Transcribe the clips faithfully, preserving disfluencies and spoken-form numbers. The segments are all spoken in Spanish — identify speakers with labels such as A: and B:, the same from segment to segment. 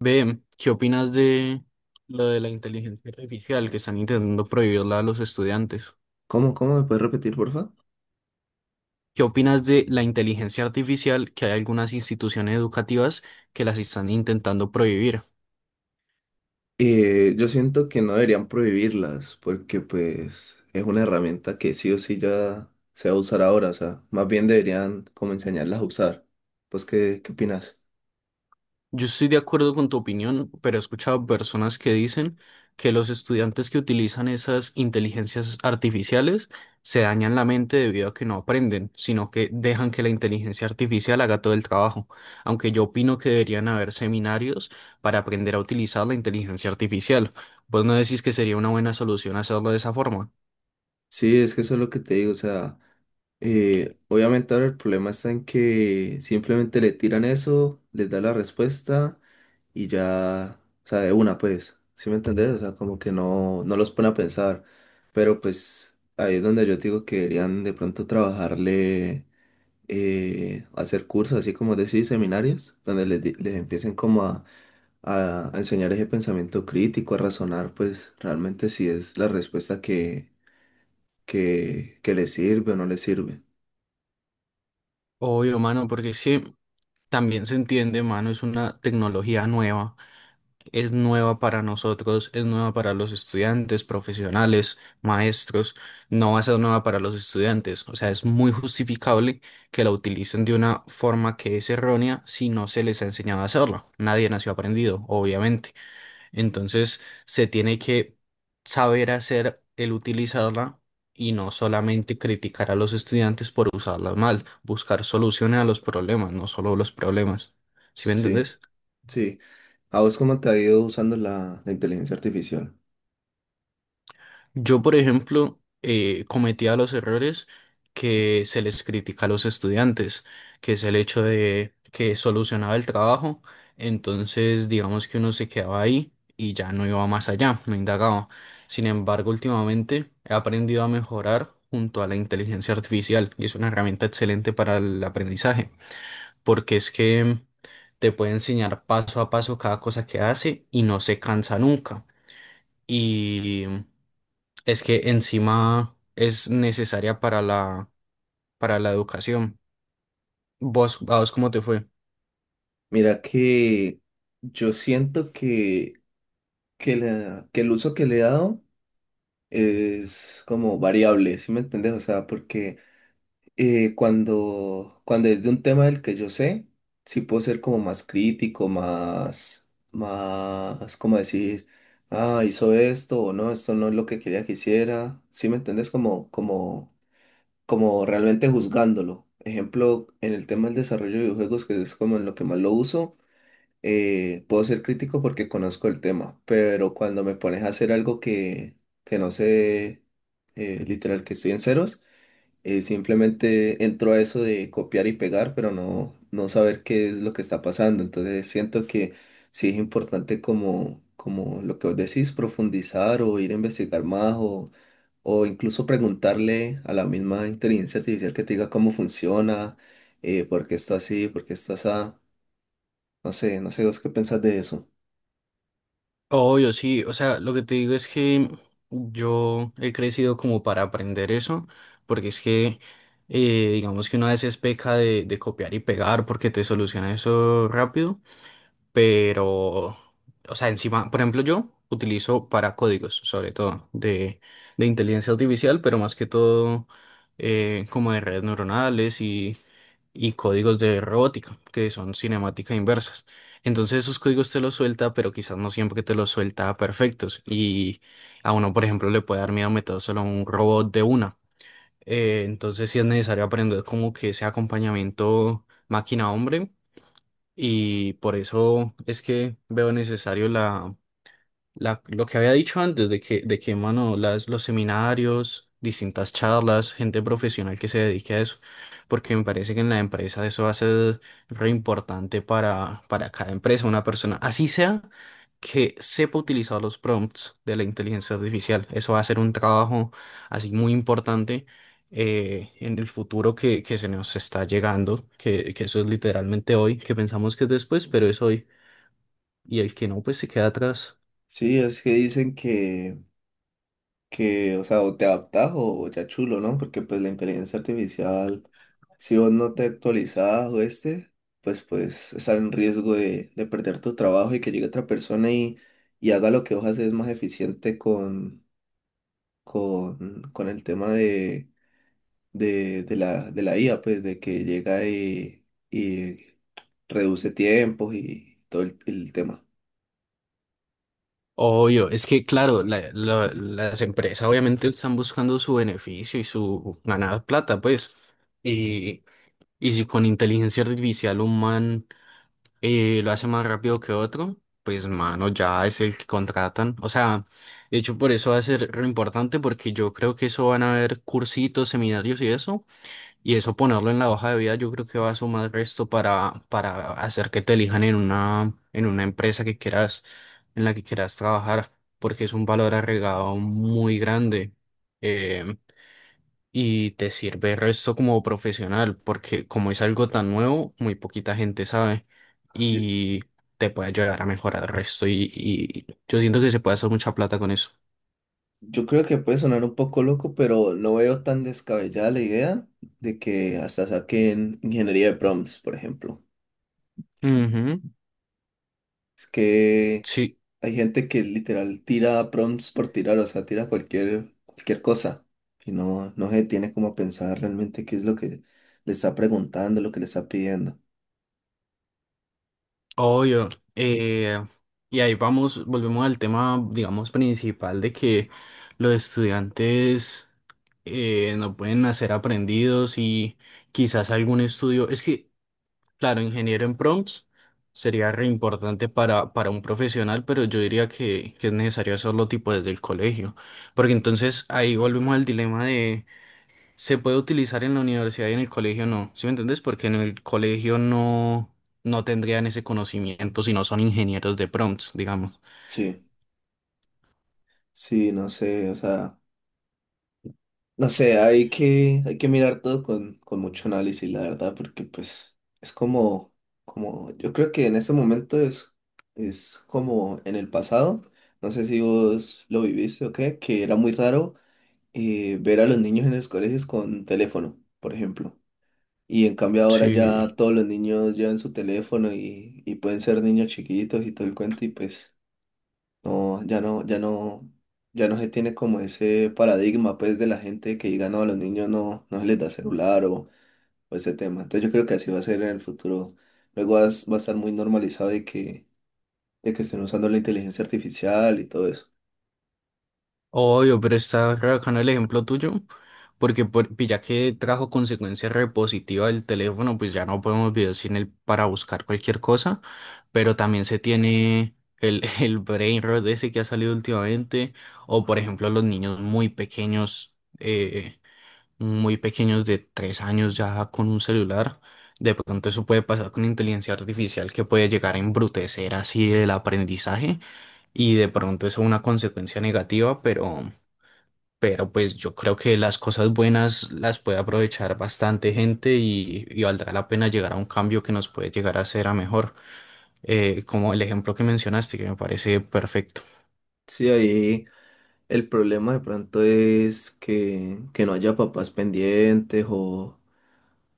A: Ve, ¿qué opinas de lo de la inteligencia artificial que están intentando prohibirla a los estudiantes?
B: ¿Cómo, cómo me puedes repetir, porfa?
A: ¿Qué opinas de la inteligencia artificial que hay algunas instituciones educativas que las están intentando prohibir?
B: Eh, yo siento que no deberían prohibirlas porque pues es una herramienta que sí o sí ya se va a usar ahora, o sea, más bien deberían como enseñarlas a usar. Pues, ¿qué, qué opinas?
A: Yo estoy de acuerdo con tu opinión, pero he escuchado personas que dicen que los estudiantes que utilizan esas inteligencias artificiales se dañan la mente debido a que no aprenden, sino que dejan que la inteligencia artificial haga todo el trabajo. Aunque yo opino que deberían haber seminarios para aprender a utilizar la inteligencia artificial. ¿Vos no decís que sería una buena solución hacerlo de esa forma?
B: Sí, es que eso es lo que te digo, o sea, eh, obviamente ahora el problema está en que simplemente le tiran eso, les da la respuesta y ya, o sea, de una pues, ¿sí me entendés? O sea, como que no, no los pone a pensar, pero pues ahí es donde yo te digo que deberían de pronto trabajarle, eh, hacer cursos, así como decir, seminarios, donde les, di- les empiecen como a, a a enseñar ese pensamiento crítico, a razonar pues realmente si es la respuesta que que, que le sirve o no le sirve.
A: Obvio, mano, porque sí, también se entiende, mano, es una tecnología nueva, es nueva para nosotros, es nueva para los estudiantes, profesionales, maestros, no va a ser nueva para los estudiantes. O sea, es muy justificable que la utilicen de una forma que es errónea si no se les ha enseñado a hacerlo. Nadie nació aprendido, obviamente. Entonces, se tiene que saber hacer el utilizarla. Y no solamente criticar a los estudiantes por usarla mal, buscar soluciones a los problemas, no solo los problemas. ¿Sí me
B: Sí,
A: entendés?
B: sí. ¿A vos cómo te ha ido usando la, la inteligencia artificial?
A: Yo, por ejemplo, eh, cometía los errores que se les critica a los estudiantes, que es el hecho de que solucionaba el trabajo, entonces digamos que uno se quedaba ahí y ya no iba más allá, no indagaba. Sin embargo, últimamente he aprendido a mejorar junto a la inteligencia artificial y es una herramienta excelente para el aprendizaje, porque es que te puede enseñar paso a paso cada cosa que hace y no se cansa nunca. Y es que encima es necesaria para la, para la educación. ¿Vos, a vos cómo te fue?
B: Mira que yo siento que, que, la- que el uso que le he dado es como variable, ¿sí me entendés? O sea, porque eh, cuando, cuando es de un tema del que yo sé, sí puedo ser como más crítico, más, más, ¿cómo decir? Ah, hizo esto o no, esto no es lo que quería que hiciera. ¿Sí me entendés? Como, como como realmente juzgándolo. Ejemplo, en el tema del desarrollo de videojuegos, que es como en lo que más lo uso, eh, puedo ser crítico porque conozco el tema, pero cuando me pones a hacer algo que, que no sé, eh, literal, que estoy en ceros, eh, simplemente entro a eso de copiar y pegar, pero no, no saber qué es lo que está pasando. Entonces siento que sí es importante como, como lo que vos decís, profundizar o ir a investigar más o, o incluso preguntarle a la misma inteligencia artificial que te diga cómo funciona, eh, por qué está así, por qué está así. No sé, no sé vos qué pensás de eso.
A: Obvio, sí. O sea, lo que te digo es que yo he crecido como para aprender eso, porque es que, eh, digamos que una vez es peca de, de, copiar y pegar porque te soluciona eso rápido, pero, o sea, encima, por ejemplo, yo utilizo para códigos, sobre todo, de, de inteligencia artificial, pero más que todo eh, como de redes neuronales y códigos de robótica, que son cinemáticas inversas. Entonces esos códigos te los suelta, pero quizás no siempre te los suelta perfectos. Y a uno, por ejemplo, le puede dar miedo meter solo a un robot de una. Eh, entonces sí es necesario aprender como que ese acompañamiento máquina-hombre. Y por eso es que veo necesario la la- lo que había dicho antes de que, de que, mano, las, los seminarios, distintas charlas, gente profesional que se dedique a eso, porque me parece que en la empresa eso va a ser re importante para, para cada empresa, una persona, así sea que sepa utilizar los prompts de la inteligencia artificial. Eso va a ser un trabajo así muy importante, eh, en el futuro que, que, se nos está llegando, que, que eso es literalmente hoy, que pensamos que es después, pero es hoy, y el que no, pues se queda atrás.
B: Sí, es que dicen que que, o sea, o te adaptás o ya chulo, ¿no? Porque pues la inteligencia artificial, si vos no te actualizás o este, pues pues estar en riesgo de, de perder tu trabajo y que llegue otra persona y, y haga lo que vos haces más eficiente con, con, con el tema de, de, de la, de la I A, pues de que llega y, y reduce tiempos y todo el, el tema.
A: Obvio, es que claro, la- la- las empresas obviamente están buscando su beneficio y su ganar plata, pues. Y, y si con inteligencia artificial un man eh, lo hace más rápido que otro, pues mano, ya es el que contratan. O sea, de hecho por eso va a ser re importante porque yo creo que eso van a haber cursitos, seminarios y eso y eso ponerlo en la hoja de vida, yo creo que va a sumar resto para, para, hacer que te elijan en una, en una empresa que quieras, en la que quieras trabajar, porque es un valor agregado muy grande. eh, y te sirve resto como profesional, porque como es algo tan nuevo, muy poquita gente sabe. Y te puede ayudar a mejorar el resto. Y, y yo siento que se puede hacer mucha plata con eso.
B: Yo creo que puede sonar un poco loco, pero no veo tan descabellada la idea de que hasta saquen ingeniería de prompts, por ejemplo.
A: Ujú,
B: Es que
A: sí.
B: hay gente que literal tira prompts por tirar, o sea, tira cualquier, cualquier cosa y no, no se tiene como a pensar realmente qué es lo que le está preguntando, lo que le está pidiendo.
A: Obvio. eh, y ahí vamos, volvemos al tema, digamos, principal de que los estudiantes eh, no pueden nacer aprendidos y quizás algún estudio. Es que, claro, ingeniero en prompts sería re importante para, para, un profesional, pero yo diría que, que es necesario hacerlo tipo desde el colegio. Porque entonces ahí volvemos al dilema de se puede utilizar en la universidad y en el colegio no. ¿Sí me entendés? Porque en el colegio no, no tendrían ese conocimiento si no son ingenieros de prompts, digamos.
B: Sí, sí, no sé, o sea. No sé, hay que, hay que mirar todo con, con mucho análisis, la verdad, porque pues es como, como, yo creo que en este momento es, es como en el pasado, no sé si vos lo viviste o qué, que era muy raro eh, ver a los niños en los colegios con teléfono, por ejemplo. Y en cambio ahora
A: Sí,
B: ya todos los niños llevan su teléfono y, y pueden ser niños chiquitos y todo el cuento y pues... No, ya no, ya no, ya no se tiene como ese paradigma pues de la gente que diga no, a los niños no, no se les da celular o, o ese tema. Entonces yo creo que así va a ser en el futuro. Luego vas- va a estar muy normalizado de que, de que estén usando la inteligencia artificial y todo eso.
A: obvio, pero está re bacano el ejemplo tuyo, porque por- ya que trajo consecuencia repositiva del teléfono, pues ya no podemos vivir sin él para buscar cualquier cosa, pero también se tiene el, el brain rot ese que ha salido últimamente, o por ejemplo los niños muy pequeños. Eh, muy pequeños de tres años ya con un celular. De pronto eso puede pasar con inteligencia artificial que puede llegar a embrutecer así el aprendizaje y de pronto eso es una consecuencia negativa, pero, pero, pues yo creo que las cosas buenas las puede aprovechar bastante gente y, y valdrá la pena llegar a un cambio que nos puede llegar a hacer a mejor. Eh, como el ejemplo que mencionaste que me parece perfecto.
B: Sí, ahí el problema de pronto es que, que no haya papás pendientes o,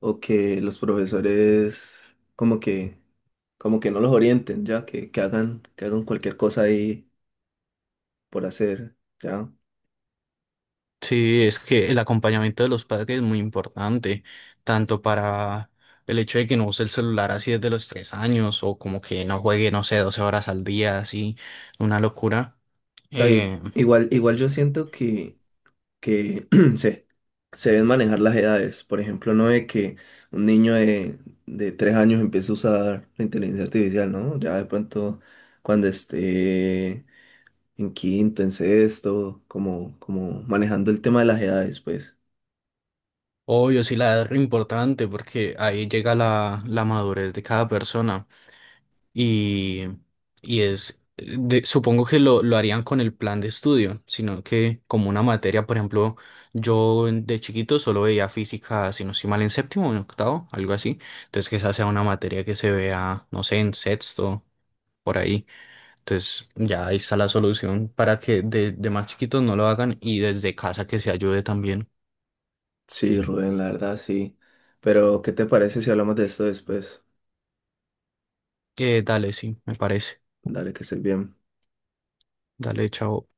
B: o que los profesores como que, como que no los orienten, ya que, que hagan, que hagan cualquier cosa ahí por hacer. ¿Ya?
A: Sí, es que el acompañamiento de los padres es muy importante, tanto para el hecho de que no use el celular así desde los tres años o como que no juegue, no sé, doce horas al día, así, una locura.
B: Sea, i-
A: Eh,
B: igual, igual yo siento que, que se, se deben manejar las edades. Por ejemplo, no de que un niño de, de tres años empiece a usar la inteligencia artificial, ¿no? Ya de pronto cuando esté en quinto, en sexto, como, como manejando el tema de las edades, pues.
A: obvio, sí, la edad es re importante porque ahí llega la, la madurez de cada persona. y, y es, de- supongo que lo, lo, harían con el plan de estudio, sino que como una materia, por ejemplo, yo en- de chiquito solo veía física, si no estoy mal, en séptimo o en octavo, algo así. Entonces que esa sea una materia que se vea, no sé, en sexto, por ahí. Entonces ya ahí está la solución para que de, de, más chiquitos no lo hagan y desde casa que se ayude también.
B: Sí, Rubén, la verdad, sí. Pero, ¿qué te parece si hablamos de esto después?
A: Eh, dale, sí, me parece.
B: Dale, que estés bien.
A: Dale, chao.